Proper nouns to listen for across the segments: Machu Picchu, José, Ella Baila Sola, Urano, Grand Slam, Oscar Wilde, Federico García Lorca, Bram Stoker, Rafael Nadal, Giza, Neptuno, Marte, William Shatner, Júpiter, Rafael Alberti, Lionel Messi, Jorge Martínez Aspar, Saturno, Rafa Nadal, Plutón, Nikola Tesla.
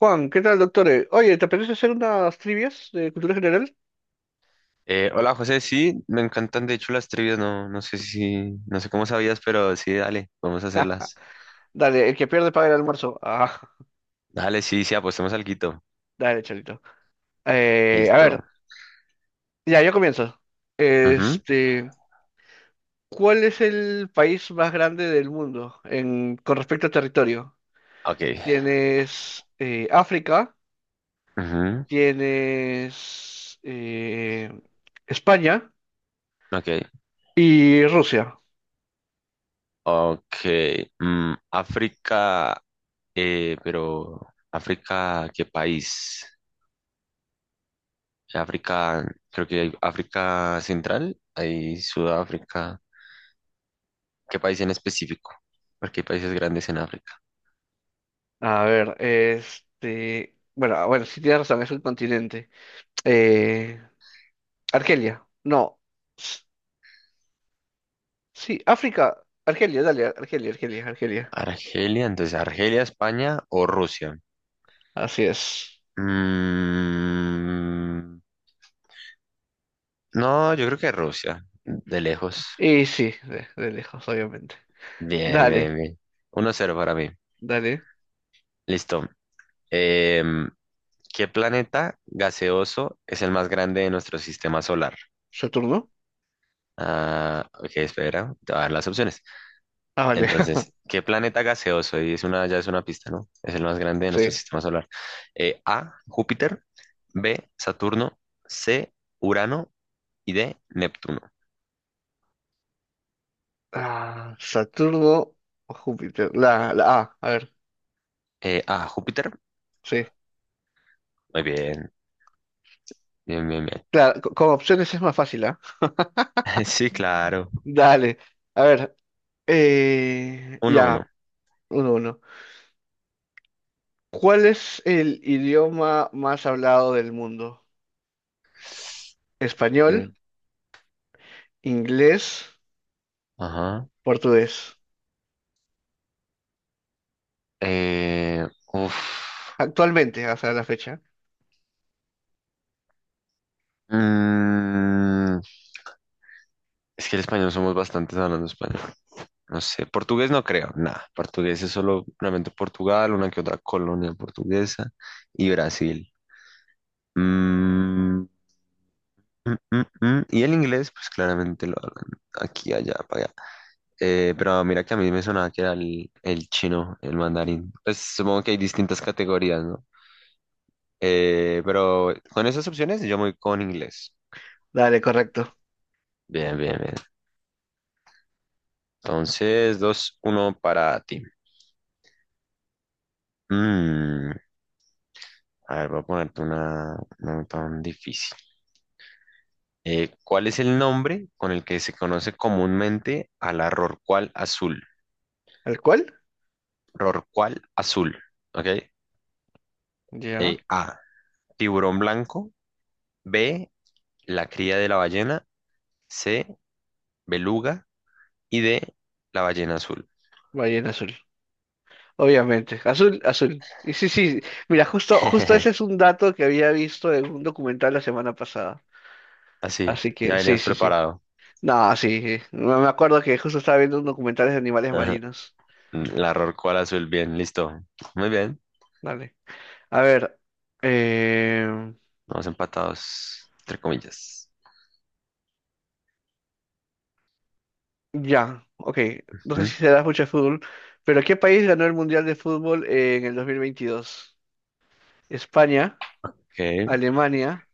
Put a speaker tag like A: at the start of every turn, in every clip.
A: Juan, ¿qué tal, doctor? Oye, ¿te apetece hacer unas trivias de cultura general?
B: Hola José, sí, me encantan de hecho las trivias, no, no sé si, no sé cómo sabías, pero sí, dale, vamos a hacerlas.
A: Dale, el que pierde paga el almuerzo. Ah,
B: Dale, sí, sí, apostemos alguito.
A: dale, cholito. A
B: Listo.
A: ver, ya, yo comienzo.
B: Ujú.
A: Este, ¿Cuál es el país más grande del mundo en, con respecto a territorio?
B: Ok.
A: Tienes África,
B: Ujú.
A: tienes España
B: Ok.
A: y Rusia.
B: Ok. África. Eh, pero África, ¿qué país? África, creo que hay África Central, hay Sudáfrica. ¿Qué país en específico? Porque hay países grandes en África.
A: A ver, este, bueno, ah, bueno, sí tienes razón, es un continente. Eh, Argelia. No. S- Sí, África. Argelia, dale, Argelia, Argelia, Argelia.
B: Argelia, entonces Argelia, España o Rusia.
A: Así es.
B: Mm, no, yo creo que Rusia, de lejos.
A: Y sí, de lejos, obviamente.
B: Bien, bien,
A: Dale,
B: bien. Uno cero para mí.
A: dale.
B: Listo. Em, ¿Qué planeta gaseoso es el más grande de nuestro sistema solar?
A: ¿Saturno?
B: Ah, ok, espera, te voy a dar las opciones.
A: Ah, vale.
B: Entonces, ¿qué planeta gaseoso? Y es una, ya es una pista, ¿no? Es el más grande de nuestro
A: Sí.
B: sistema solar. A, Júpiter, B, Saturno, C, Urano y D, Neptuno.
A: Ah, Saturno o Júpiter. La A, a ver.
B: A, Júpiter.
A: Sí.
B: Muy bien. Bien, bien, bien.
A: Claro, con opciones es más fácil, ¿ah?
B: Sí,
A: Mm.
B: claro.
A: Dale. A ver.
B: Uno,
A: Ya,
B: uno.
A: uno, uno. ¿Cuál es el idioma más hablado del mundo? ¿Español?
B: Sí.
A: ¿Inglés?
B: Ajá.
A: Portugués.
B: Eh, Uf.
A: Actualmente, hasta la fecha.
B: Mm, es que el español somos bastantes hablando español. No sé, portugués no creo, nada. Portugués es solo realmente Portugal, una que otra colonia portuguesa y Brasil. Mm, mm. Y el inglés, pues claramente lo hablan aquí, allá, para allá. Pero mira que a mí me sonaba que era el chino, el mandarín. Pues supongo que hay distintas categorías, ¿no? Pero con esas opciones yo me voy con inglés.
A: Dale, correcto.
B: Bien, bien, bien. Entonces, dos uno para ti. Mm, a ver, voy a ponerte una no tan difícil. ¿Cuál es el nombre con el que se conoce comúnmente a la rorcual azul?
A: ¿Al cual?
B: Rorcual azul, ¿ok?
A: Ya.
B: A, tiburón blanco. B, la cría de la ballena. C, beluga. Y D, la ballena azul.
A: Ballena azul. Obviamente. Azul, azul. Y sí, sí. Mira, justo, justo ese es un dato que había visto en un documental la semana pasada.
B: Así,
A: Así
B: ya
A: que, sí,
B: venías
A: sí, sí.
B: preparado.
A: No, sí, sí. Me acuerdo que justo estaba viendo un documental de animales marinos.
B: La rorco al azul, bien, listo. Muy bien,
A: Dale. A ver. eh,
B: vamos empatados, entre comillas.
A: Ya. Ok. No sé
B: Mm.
A: si será mucho de fútbol. Pero ¿qué país ganó el Mundial de Fútbol en el 2022? España,
B: Ok.
A: Alemania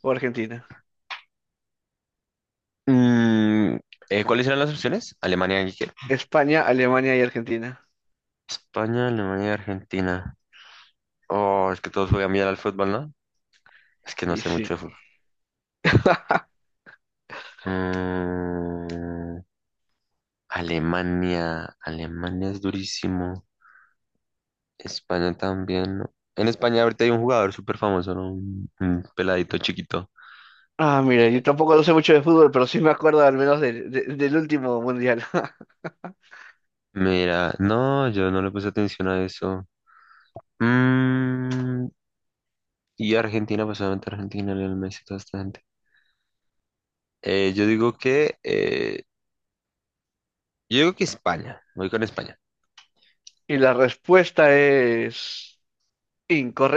A: o Argentina.
B: Mm, ¿Cuáles eran las opciones? ¿Alemania y qué?
A: España, Alemania y Argentina.
B: España, Alemania y Argentina. Oh, es que todos juegan bien al fútbol, ¿no? Es que no
A: Y
B: sé
A: sí.
B: mucho de fútbol. Mm, Alemania, Alemania es durísimo. España también, ¿no? En España ahorita hay un jugador súper famoso, ¿no? Un peladito chiquito.
A: Ah, mira, yo tampoco no sé mucho de fútbol, pero sí me acuerdo al menos del último mundial.
B: Mira, no, yo no le puse atención a eso. Mm, y Argentina, pues obviamente Argentina, Lionel Messi, toda esta gente. Eh, yo digo que, eh, yo digo que España, voy con España.
A: Y la respuesta es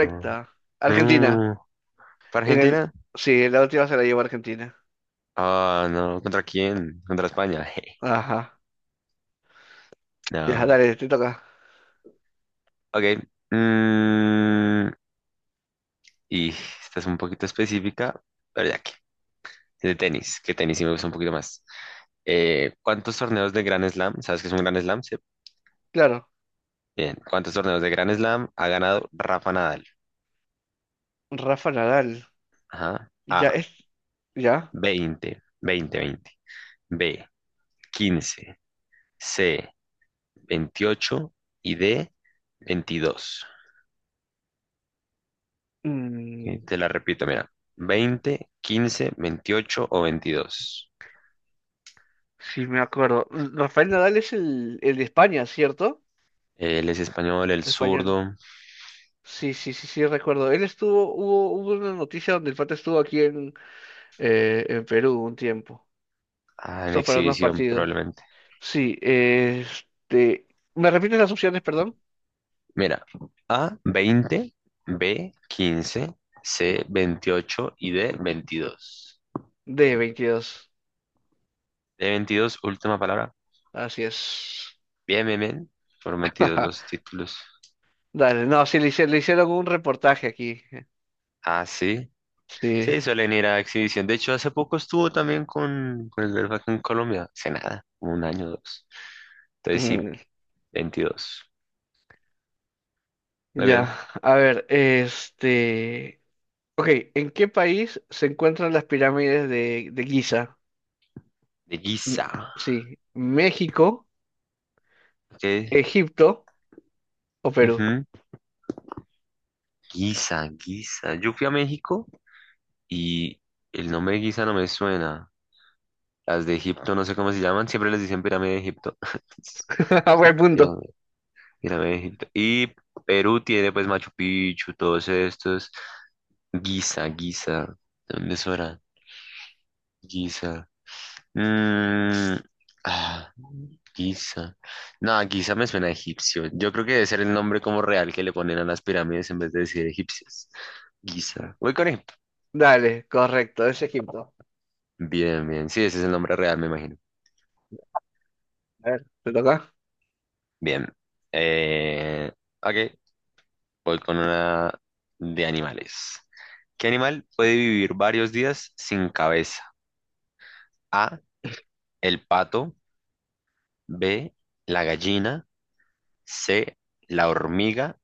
B: Ah.
A: Argentina.
B: Mm, ¿Para
A: En
B: Argentina?
A: el... Sí, la última se la llevó Argentina.
B: Ah, no, ¿contra quién? Contra España. jeje.
A: Ajá. Ya,
B: No.
A: dale, te toca.
B: Ok. mm, y esta es un poquito específica, pero ya que. De tenis, que tenis sí me gusta un poquito más. ¿Cuántos torneos de Grand Slam? ¿Sabes qué es un Grand Slam? Sí.
A: Claro,
B: Bien. ¿Cuántos torneos de Grand Slam ha ganado Rafa Nadal?
A: Rafa Nadal.
B: Ajá.
A: Ya
B: A.
A: es... Ya.
B: 20. B, 15. C, 28 y D, 22.
A: Mm,
B: Te la repito, mira. 20, 15, 28 o 22.
A: sí, me acuerdo. Rafael Nadal es el de España, ¿cierto?
B: Él es español, el
A: Español.
B: zurdo.
A: Sí, sí, sí, sí, recuerdo. Él estuvo, hubo una noticia donde el pata estuvo en Perú un tiempo,
B: Ah, en
A: justo para unos
B: exhibición
A: partidos.
B: probablemente.
A: Sí, este, ¿me repites las opciones, perdón?
B: Mira, A, 20, B, 15, C, 28 y D, 22.
A: De 22
B: D, 22, última palabra.
A: así es.
B: Bien, bien, bien. Prometidos los títulos.
A: Dale, no, sí, le hicieron un reportaje aquí.
B: Ah, sí.
A: Sí,
B: Sí, suelen ir a exhibición. De hecho, hace poco estuvo también con el Verfa acá en Colombia. Hace nada, como un año o dos. Entonces sí,
A: mm,
B: veintidós. Muy
A: ya,
B: bien.
A: a ver, este, ok, ¿en qué país se encuentran las pirámides de Giza?
B: De
A: M-
B: Guisa.
A: Sí, México,
B: Ok.
A: Egipto o Perú.
B: Ujú. Guisa, Guisa. Yo fui a México y el nombre de Guisa no me suena. Las de Egipto, no sé cómo se llaman. Siempre les dicen pirámide de Egipto.
A: Buen punto.
B: Pirámide, pirámide de Egipto. Y Perú tiene pues Machu Picchu, todos estos. Guisa, Guisa. ¿De dónde es ahora? ¿Hora? Mm, ah, Giza. No, Giza me suena a egipcio. Yo creo que debe ser el nombre como real que le ponen a las pirámides en vez de decir egipcias. Giza. ¿Voy con él?
A: Dale, correcto, es Egipto.
B: Bien, bien. Sí, ese es el nombre real, me imagino.
A: A ver, ¿te toca?
B: Bien. Eh, ok, voy con una de animales. ¿Qué animal puede vivir varios días sin cabeza? A, el pato, B, la gallina, C, la hormiga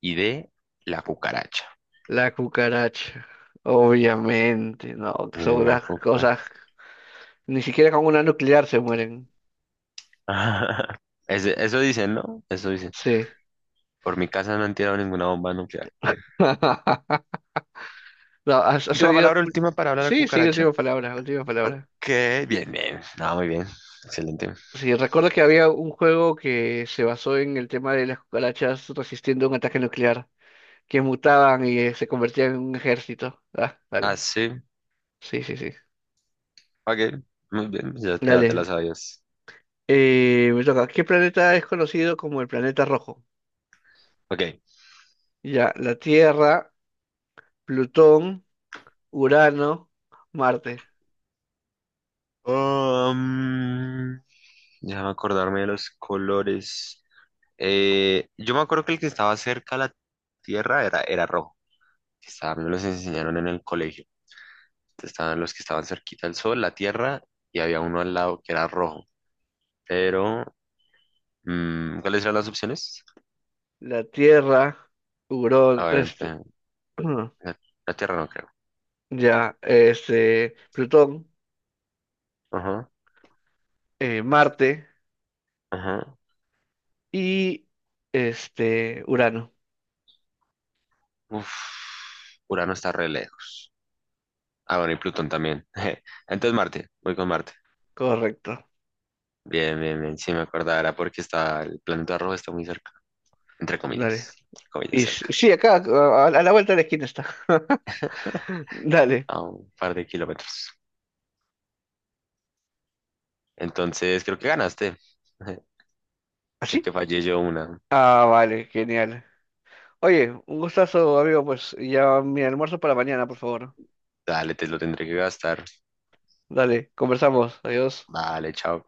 B: y D, la cucaracha.
A: La cucaracha. Obviamente, no, son
B: En la
A: unas cosas.
B: coca.
A: Ni siquiera con una nuclear se mueren.
B: Eso dicen, ¿no? Eso dicen.
A: Sí.
B: Por mi casa no han tirado ninguna bomba nuclear.
A: No, ha salido.
B: Última palabra, la
A: Sí, sí,
B: cucaracha.
A: última palabra, última palabra.
B: Ok, bien, bien. Ah, muy bien. Excelente.
A: Sí, recuerdo que había un juego que se basó en el tema de las cucarachas resistiendo un ataque nuclear, que mutaban y se convertían en un ejército. Ah,
B: Ah,
A: dale.
B: sí.
A: Sí, sí, sí.
B: Ok, muy bien. Ya, ya te
A: Dale,
B: la sabías.
A: eh, me toca. ¿Qué planeta es conocido como el planeta rojo?
B: Ok.
A: Ya, la Tierra, Plutón, Urano, Marte.
B: Um, Déjame acordarme de los colores. Yo me acuerdo que el que estaba cerca a la tierra era, era rojo. Que estaba, me los enseñaron en el colegio. Estaban los que estaban cerquita del sol, la tierra, y había uno al lado que era rojo. Pero, ¿Cuáles eran las opciones?
A: La Tierra,
B: Ah,
A: Urón,
B: obviamente,
A: este,
B: la, la tierra no creo.
A: ya, este, Plutón,
B: Ajá,
A: Marte
B: ajá.
A: y este, Urano.
B: Uf, Urano está re lejos. Ah, bueno, y Plutón también. Entonces Marte, voy con Marte.
A: Correcto.
B: Bien, bien, bien. Sí me acordaba, era porque está, el planeta rojo está muy cerca. Entre
A: Dale.
B: comillas, comillas
A: Y
B: cerca.
A: sí, acá, a la vuelta de la esquina está. Dale.
B: A un par de kilómetros. Entonces creo que ganaste.
A: ¿Así?
B: Porque fallé yo una.
A: Ah, vale, genial. Oye, un gustazo, amigo, pues ya mi almuerzo para mañana, por favor.
B: Dale, te lo tendré que gastar.
A: Dale, conversamos. Adiós.
B: Vale, chao.